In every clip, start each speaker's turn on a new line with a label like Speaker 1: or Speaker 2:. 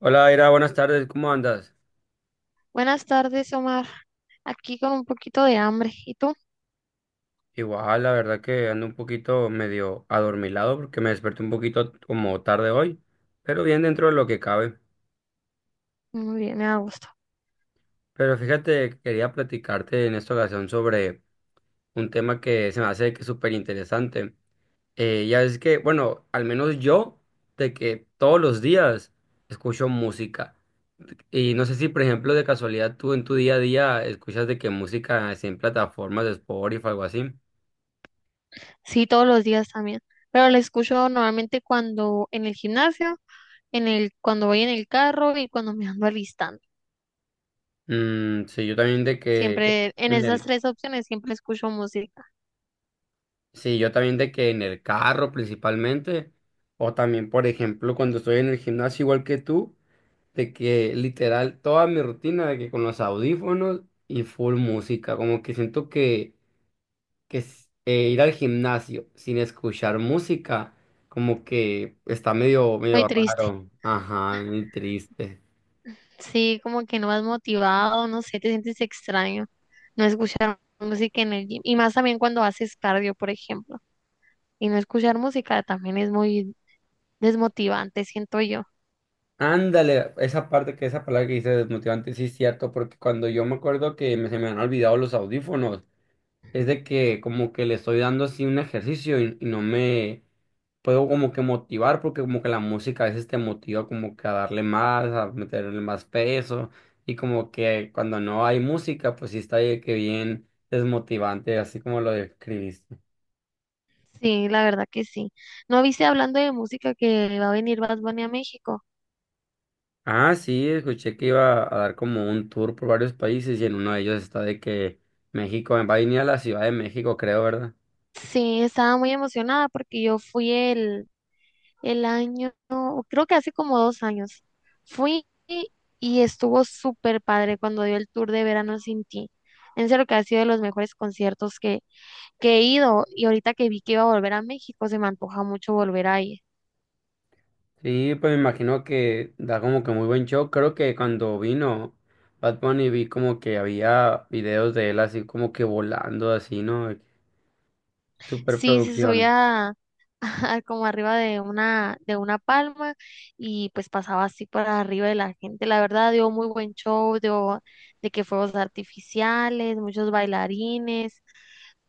Speaker 1: Hola, Ira, buenas tardes, ¿cómo andas?
Speaker 2: Buenas tardes, Omar. Aquí con un poquito de hambre. ¿Y tú?
Speaker 1: Igual, la verdad que ando un poquito medio adormilado porque me desperté un poquito como tarde hoy, pero bien dentro de lo que cabe.
Speaker 2: Muy bien, me da gusto.
Speaker 1: Pero fíjate, quería platicarte en esta ocasión sobre un tema que se me hace que es súper interesante. Ya es que, bueno, al menos yo, de que todos los días escucho música. Y no sé si, por ejemplo, de casualidad tú en tu día a día escuchas de que música así en plataformas de Spotify o algo así.
Speaker 2: Sí, todos los días también. Pero la escucho normalmente cuando en el gimnasio, cuando voy en el carro y cuando me ando alistando.
Speaker 1: Mm, sí, yo también de que
Speaker 2: Siempre, en
Speaker 1: en
Speaker 2: esas
Speaker 1: el,
Speaker 2: tres opciones siempre escucho música.
Speaker 1: sí, yo también de que en el carro principalmente, o también, por ejemplo, cuando estoy en el gimnasio igual que tú, de que literal toda mi rutina de que con los audífonos y full música, como que siento que ir al gimnasio sin escuchar música, como que está medio,
Speaker 2: Muy
Speaker 1: medio
Speaker 2: triste.
Speaker 1: raro, ajá, muy triste.
Speaker 2: Sí, como que no vas motivado, no sé, te sientes extraño no escuchar música en el gym. Y más también cuando haces cardio, por ejemplo. Y no escuchar música también es muy desmotivante, siento yo.
Speaker 1: Ándale, esa parte que esa palabra que dice desmotivante, sí es cierto, porque cuando yo me acuerdo que se me han olvidado los audífonos, es de que como que le estoy dando así un ejercicio y no me puedo como que motivar, porque como que la música a veces te motiva como que a darle más, a meterle más peso, y como que cuando no hay música, pues sí está de que bien desmotivante, así como lo describiste.
Speaker 2: Sí, la verdad que sí. ¿No viste hablando de música que va a venir Bad Bunny a México?
Speaker 1: Ah, sí, escuché que iba a dar como un tour por varios países y en uno de ellos está de que México va a venir a la Ciudad de México, creo, ¿verdad?
Speaker 2: Sí, estaba muy emocionada porque yo fui el año, creo que hace como 2 años. Fui y estuvo súper padre cuando dio el tour de Verano Sin Ti. En serio que ha sido de los mejores conciertos que he ido y ahorita que vi que iba a volver a México, se me antoja mucho volver a ir.
Speaker 1: Sí, pues me imagino que da como que muy buen show. Creo que cuando vino Bad Bunny vi como que había videos de él así como que volando así, ¿no?
Speaker 2: Sí, se
Speaker 1: Superproducción.
Speaker 2: subía como arriba de una palma y pues pasaba así por arriba de la gente. La verdad dio muy buen show, dio de que fuegos artificiales, muchos bailarines,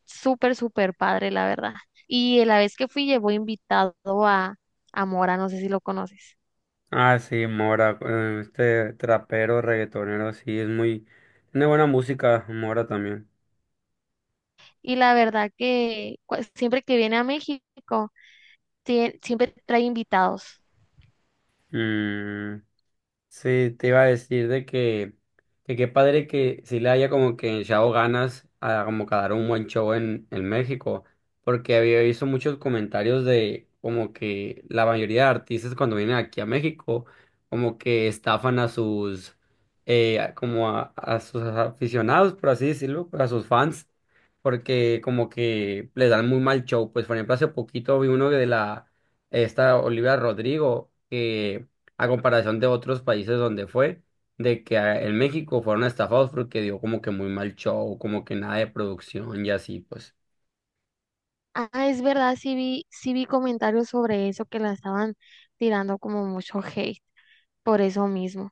Speaker 2: súper, súper padre, la verdad. Y la vez que fui llevó invitado a, a Mora, no sé si lo conoces.
Speaker 1: Ah, sí, Mora, este trapero, reggaetonero, sí, es muy... Tiene buena música, Mora también.
Speaker 2: Y la verdad que siempre que viene a México, siempre trae invitados.
Speaker 1: Mm. Sí, te iba a decir de que qué padre que sí le haya como que echado ganas a como que dar un buen show en México, porque había visto muchos comentarios de como que la mayoría de artistas cuando vienen aquí a México, como que estafan a sus, como a sus aficionados, por así decirlo, pues, a sus fans, porque como que les dan muy mal show. Pues por ejemplo, hace poquito vi uno de la, esta Olivia Rodrigo, que a comparación de otros países donde fue, de que en México fueron estafados porque dio como que muy mal show, como que nada de producción y así, pues.
Speaker 2: Ah, es verdad, sí vi comentarios sobre eso que la estaban tirando como mucho hate. Por eso mismo.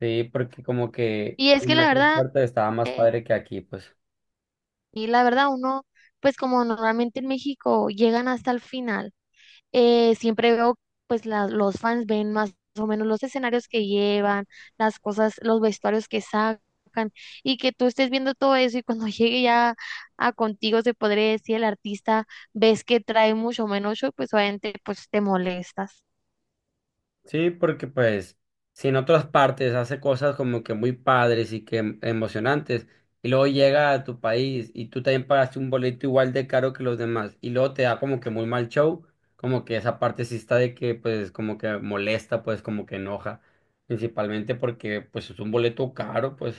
Speaker 1: Sí, porque como que
Speaker 2: Y es que
Speaker 1: en
Speaker 2: la
Speaker 1: otras
Speaker 2: verdad,
Speaker 1: partes estaba más
Speaker 2: eh,
Speaker 1: padre que aquí, pues.
Speaker 2: y la verdad uno, pues como normalmente en México llegan hasta el final, siempre veo, pues los fans ven más o menos los escenarios que llevan, las cosas, los vestuarios que sacan, y que tú estés viendo todo eso y cuando llegue ya a contigo, se podría decir, el artista, ves que trae mucho menos show, pues obviamente pues te molestas.
Speaker 1: Sí, porque pues si en otras partes hace cosas como que muy padres y que emocionantes, y luego llega a tu país y tú también pagaste un boleto igual de caro que los demás, y luego te da como que muy mal show, como que esa parte sí está de que pues como que molesta, pues como que enoja, principalmente porque pues es un boleto caro, pues.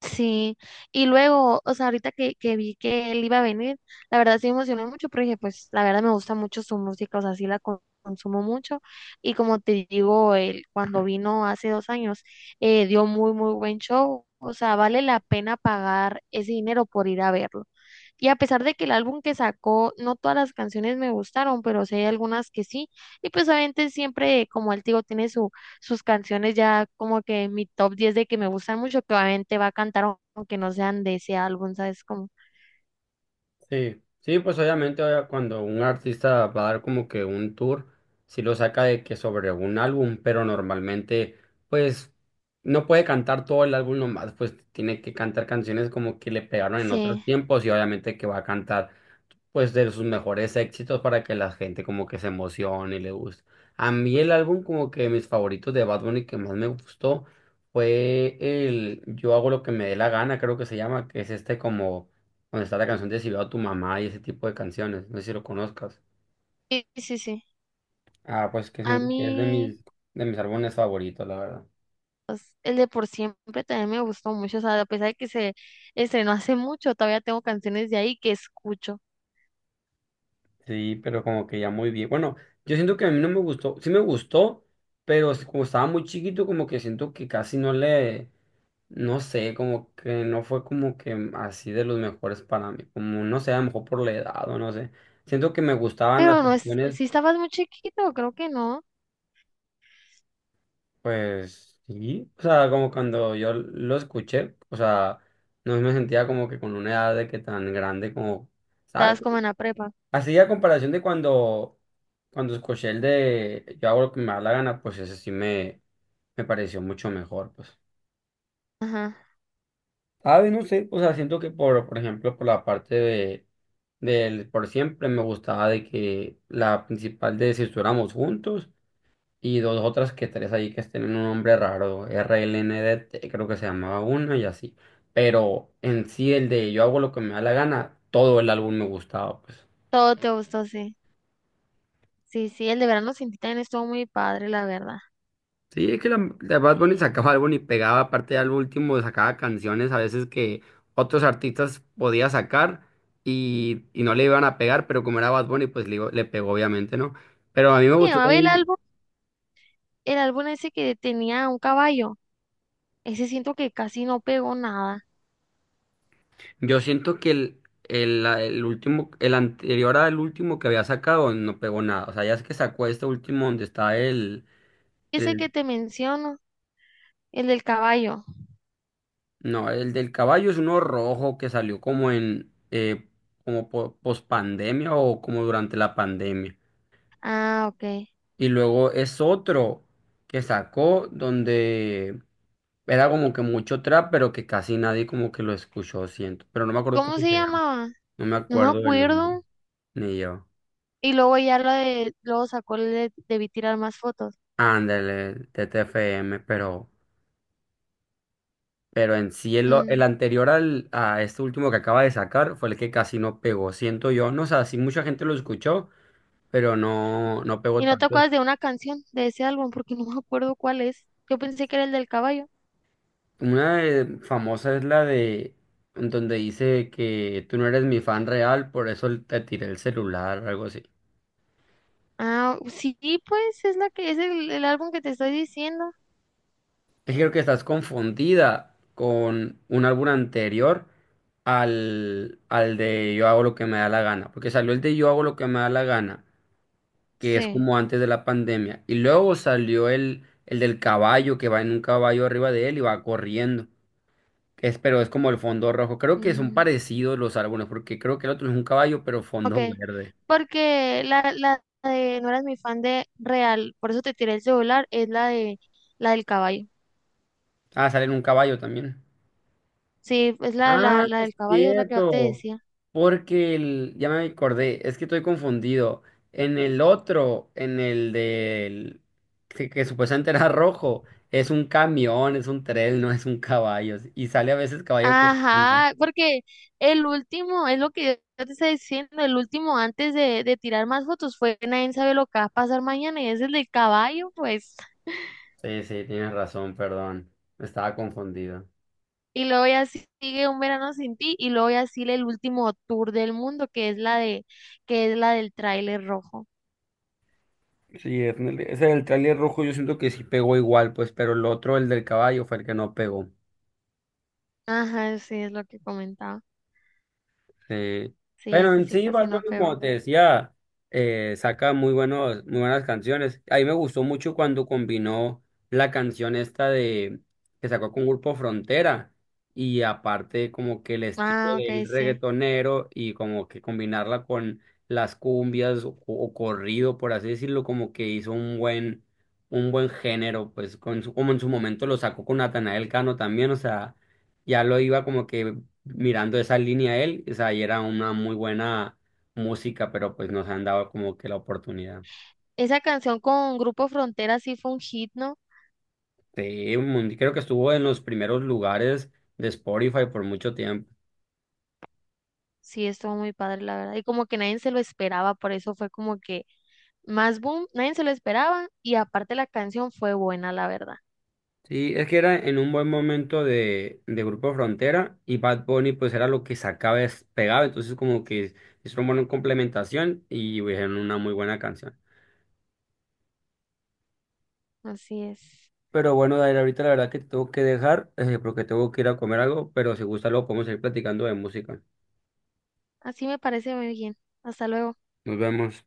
Speaker 2: Sí, y luego, o sea, ahorita que vi que él iba a venir, la verdad sí me emocioné mucho porque pues la verdad me gusta mucho su música, o sea, sí la consumo mucho y como te digo, él cuando vino hace 2 años dio muy, muy buen show, o sea, vale la pena pagar ese dinero por ir a verlo. Y a pesar de que el álbum que sacó, no todas las canciones me gustaron, pero sí hay algunas que sí, y pues obviamente siempre, como él te digo, tiene su sus canciones ya como que en mi top 10 de que me gustan mucho, que obviamente va a cantar aunque no sean de ese álbum, ¿sabes? Como,
Speaker 1: Sí, sí, pues cuando un artista va a dar como que un tour, sí lo saca de que sobre un álbum, pero normalmente pues no puede cantar todo el álbum nomás, pues tiene que cantar canciones como que le pegaron en otros
Speaker 2: sí,
Speaker 1: tiempos y obviamente que va a cantar pues de sus mejores éxitos para que la gente como que se emocione y le guste. A mí el álbum como que mis favoritos de Bad Bunny que más me gustó fue el Yo hago lo que me dé la gana, creo que se llama, que es este como donde está la canción de Si veo a tu mamá y ese tipo de canciones, no sé si lo conozcas.
Speaker 2: sí, sí, sí.
Speaker 1: Ah, pues que
Speaker 2: A
Speaker 1: siento que es
Speaker 2: mí,
Speaker 1: de mis álbumes favoritos, la verdad.
Speaker 2: pues, el de Por Siempre también me gustó mucho, o sea, a pesar de que se estrenó hace mucho, todavía tengo canciones de ahí que escucho.
Speaker 1: Sí, pero como que ya muy bien. Bueno, yo siento que a mí no me gustó, sí me gustó, pero es como estaba muy chiquito como que siento que casi no le. No sé, como que no fue como que así de los mejores para mí, como no sé, a lo mejor por la edad o no sé. Siento que me gustaban las
Speaker 2: Pero no es,
Speaker 1: canciones,
Speaker 2: si estabas muy chiquito, creo que no,
Speaker 1: pues sí, o sea, como cuando yo lo escuché, o sea, no me sentía como que con una edad de que tan grande como, ¿sabes?
Speaker 2: estabas como en la prepa.
Speaker 1: Así a comparación de cuando escuché el de Yo hago lo que me da la gana, pues ese sí me pareció mucho mejor, pues.
Speaker 2: Ajá,
Speaker 1: A ver, no sé, o sea, siento que por ejemplo, por la parte de, del por siempre me gustaba de que la principal de si estuviéramos juntos y dos otras que tres ahí que tienen un nombre raro, RLNDT creo que se llamaba una y así. Pero en sí el de yo hago lo que me da la gana, todo el álbum me gustaba, pues.
Speaker 2: todo te gustó, sí. Sí, sí, el de Verano Sin Ti también estuvo muy padre, la verdad.
Speaker 1: Sí, es que la Bad Bunny sacaba álbum y pegaba, aparte al último sacaba canciones a veces que otros artistas podía sacar y no le iban a pegar, pero como era Bad Bunny, pues le, le pegó obviamente, ¿no? Pero a mí me
Speaker 2: Se
Speaker 1: gustó
Speaker 2: llamaba
Speaker 1: también,
Speaker 2: el álbum ese que tenía un caballo. Ese siento que casi no pegó nada.
Speaker 1: yo siento que el último, el anterior al último que había sacado no pegó nada, o sea, ya es que sacó este último donde está
Speaker 2: Ese
Speaker 1: el,
Speaker 2: que te menciono, el del caballo.
Speaker 1: no, el del caballo es uno rojo que salió como en, como post pandemia o como durante la pandemia.
Speaker 2: Ah, ok.
Speaker 1: Y luego es otro que sacó donde era como que mucho trap, pero que casi nadie como que lo escuchó, siento. Pero no me acuerdo
Speaker 2: ¿Cómo
Speaker 1: cómo
Speaker 2: se
Speaker 1: se llama.
Speaker 2: llamaba?
Speaker 1: No me
Speaker 2: No me
Speaker 1: acuerdo el nombre,
Speaker 2: acuerdo.
Speaker 1: ni yo.
Speaker 2: Y luego ya la de, luego sacó el de Debí Tirar Más Fotos.
Speaker 1: Ándale, TTFM, pero en sí el
Speaker 2: Mm.
Speaker 1: anterior al, a este último que acaba de sacar fue el que casi no pegó, siento yo. No, sé, sí mucha gente lo escuchó, pero no, no pegó
Speaker 2: ¿Y no te
Speaker 1: tanto.
Speaker 2: acuerdas de una canción de ese álbum? Porque no me acuerdo cuál es. Yo pensé que era el del caballo.
Speaker 1: Una famosa es la de en donde dice que tú no eres mi fan real, por eso te tiré el celular, algo así.
Speaker 2: Ah, sí, pues es la que es el álbum que te estoy diciendo.
Speaker 1: Es que creo que estás confundida con un álbum anterior al de Yo hago lo que me da la gana, porque salió el de Yo hago lo que me da la gana, que es
Speaker 2: Sí.
Speaker 1: como antes de la pandemia, y luego salió el del caballo que va en un caballo arriba de él y va corriendo. Que es, pero es como el fondo rojo. Creo que son
Speaker 2: Mm.
Speaker 1: parecidos los álbumes, porque creo que el otro es un caballo, pero
Speaker 2: Ok,
Speaker 1: fondo verde.
Speaker 2: porque la de no eras mi fan de real, por eso te tiré el celular, es la de la del caballo.
Speaker 1: Ah, sale en un caballo también.
Speaker 2: Sí, es
Speaker 1: Ah,
Speaker 2: la
Speaker 1: es
Speaker 2: del caballo, es la que yo te
Speaker 1: cierto.
Speaker 2: decía.
Speaker 1: Porque el, ya me acordé, es que estoy confundido. En el otro, en el del que supuestamente era rojo, es un camión, es un tren, no es un caballo. Y sale a veces caballo corriendo.
Speaker 2: Ajá, porque el último, es lo que yo te estoy diciendo, el último antes de tirar más fotos fue nadie sabe lo que va a pasar mañana y es el del caballo, pues.
Speaker 1: Sí, sí, tienes razón, perdón. Estaba confundido.
Speaker 2: Y luego ya sigue un verano sin ti y luego ya sigue el último tour del mundo que es la de, que es la del tráiler rojo.
Speaker 1: Sí, es en ese del tráiler rojo yo siento que sí pegó igual, pues, pero el otro, el del caballo, fue el que no pegó.
Speaker 2: Ajá, sí, es lo que comentaba.
Speaker 1: Sí.
Speaker 2: Sí,
Speaker 1: Pero
Speaker 2: ese
Speaker 1: en
Speaker 2: sí
Speaker 1: sí, Bad
Speaker 2: casi no
Speaker 1: Bunny, como
Speaker 2: pegó.
Speaker 1: te decía, saca muy buenos, muy buenas canciones. A mí me gustó mucho cuando combinó la canción esta de que sacó con Grupo Frontera y aparte como que el estilo
Speaker 2: Ah, ok,
Speaker 1: del
Speaker 2: sí.
Speaker 1: reggaetonero y como que combinarla con las cumbias o corrido, por así decirlo, como que hizo un buen género, pues con como en su momento lo sacó con Natanael Cano también, o sea ya lo iba como que mirando esa línea él, o sea, y era una muy buena música, pero pues nos han dado como que la oportunidad.
Speaker 2: Esa canción con Grupo Frontera sí fue un hit, ¿no?
Speaker 1: Sí, creo que estuvo en los primeros lugares de Spotify por mucho tiempo.
Speaker 2: Sí, estuvo muy padre, la verdad. Y como que nadie se lo esperaba, por eso fue como que más boom, nadie se lo esperaba. Y aparte la canción fue buena, la verdad.
Speaker 1: Sí, es que era en un buen momento de Grupo Frontera y Bad Bunny pues era lo que sacaba pegaba, entonces como que es una buena complementación y pues, hicieron una muy buena canción.
Speaker 2: Así es.
Speaker 1: Pero bueno, Dair, ahorita la verdad que te tengo que dejar porque tengo que ir a comer algo, pero si gusta luego podemos seguir platicando de música.
Speaker 2: Así me parece muy bien. Hasta luego.
Speaker 1: Nos vemos.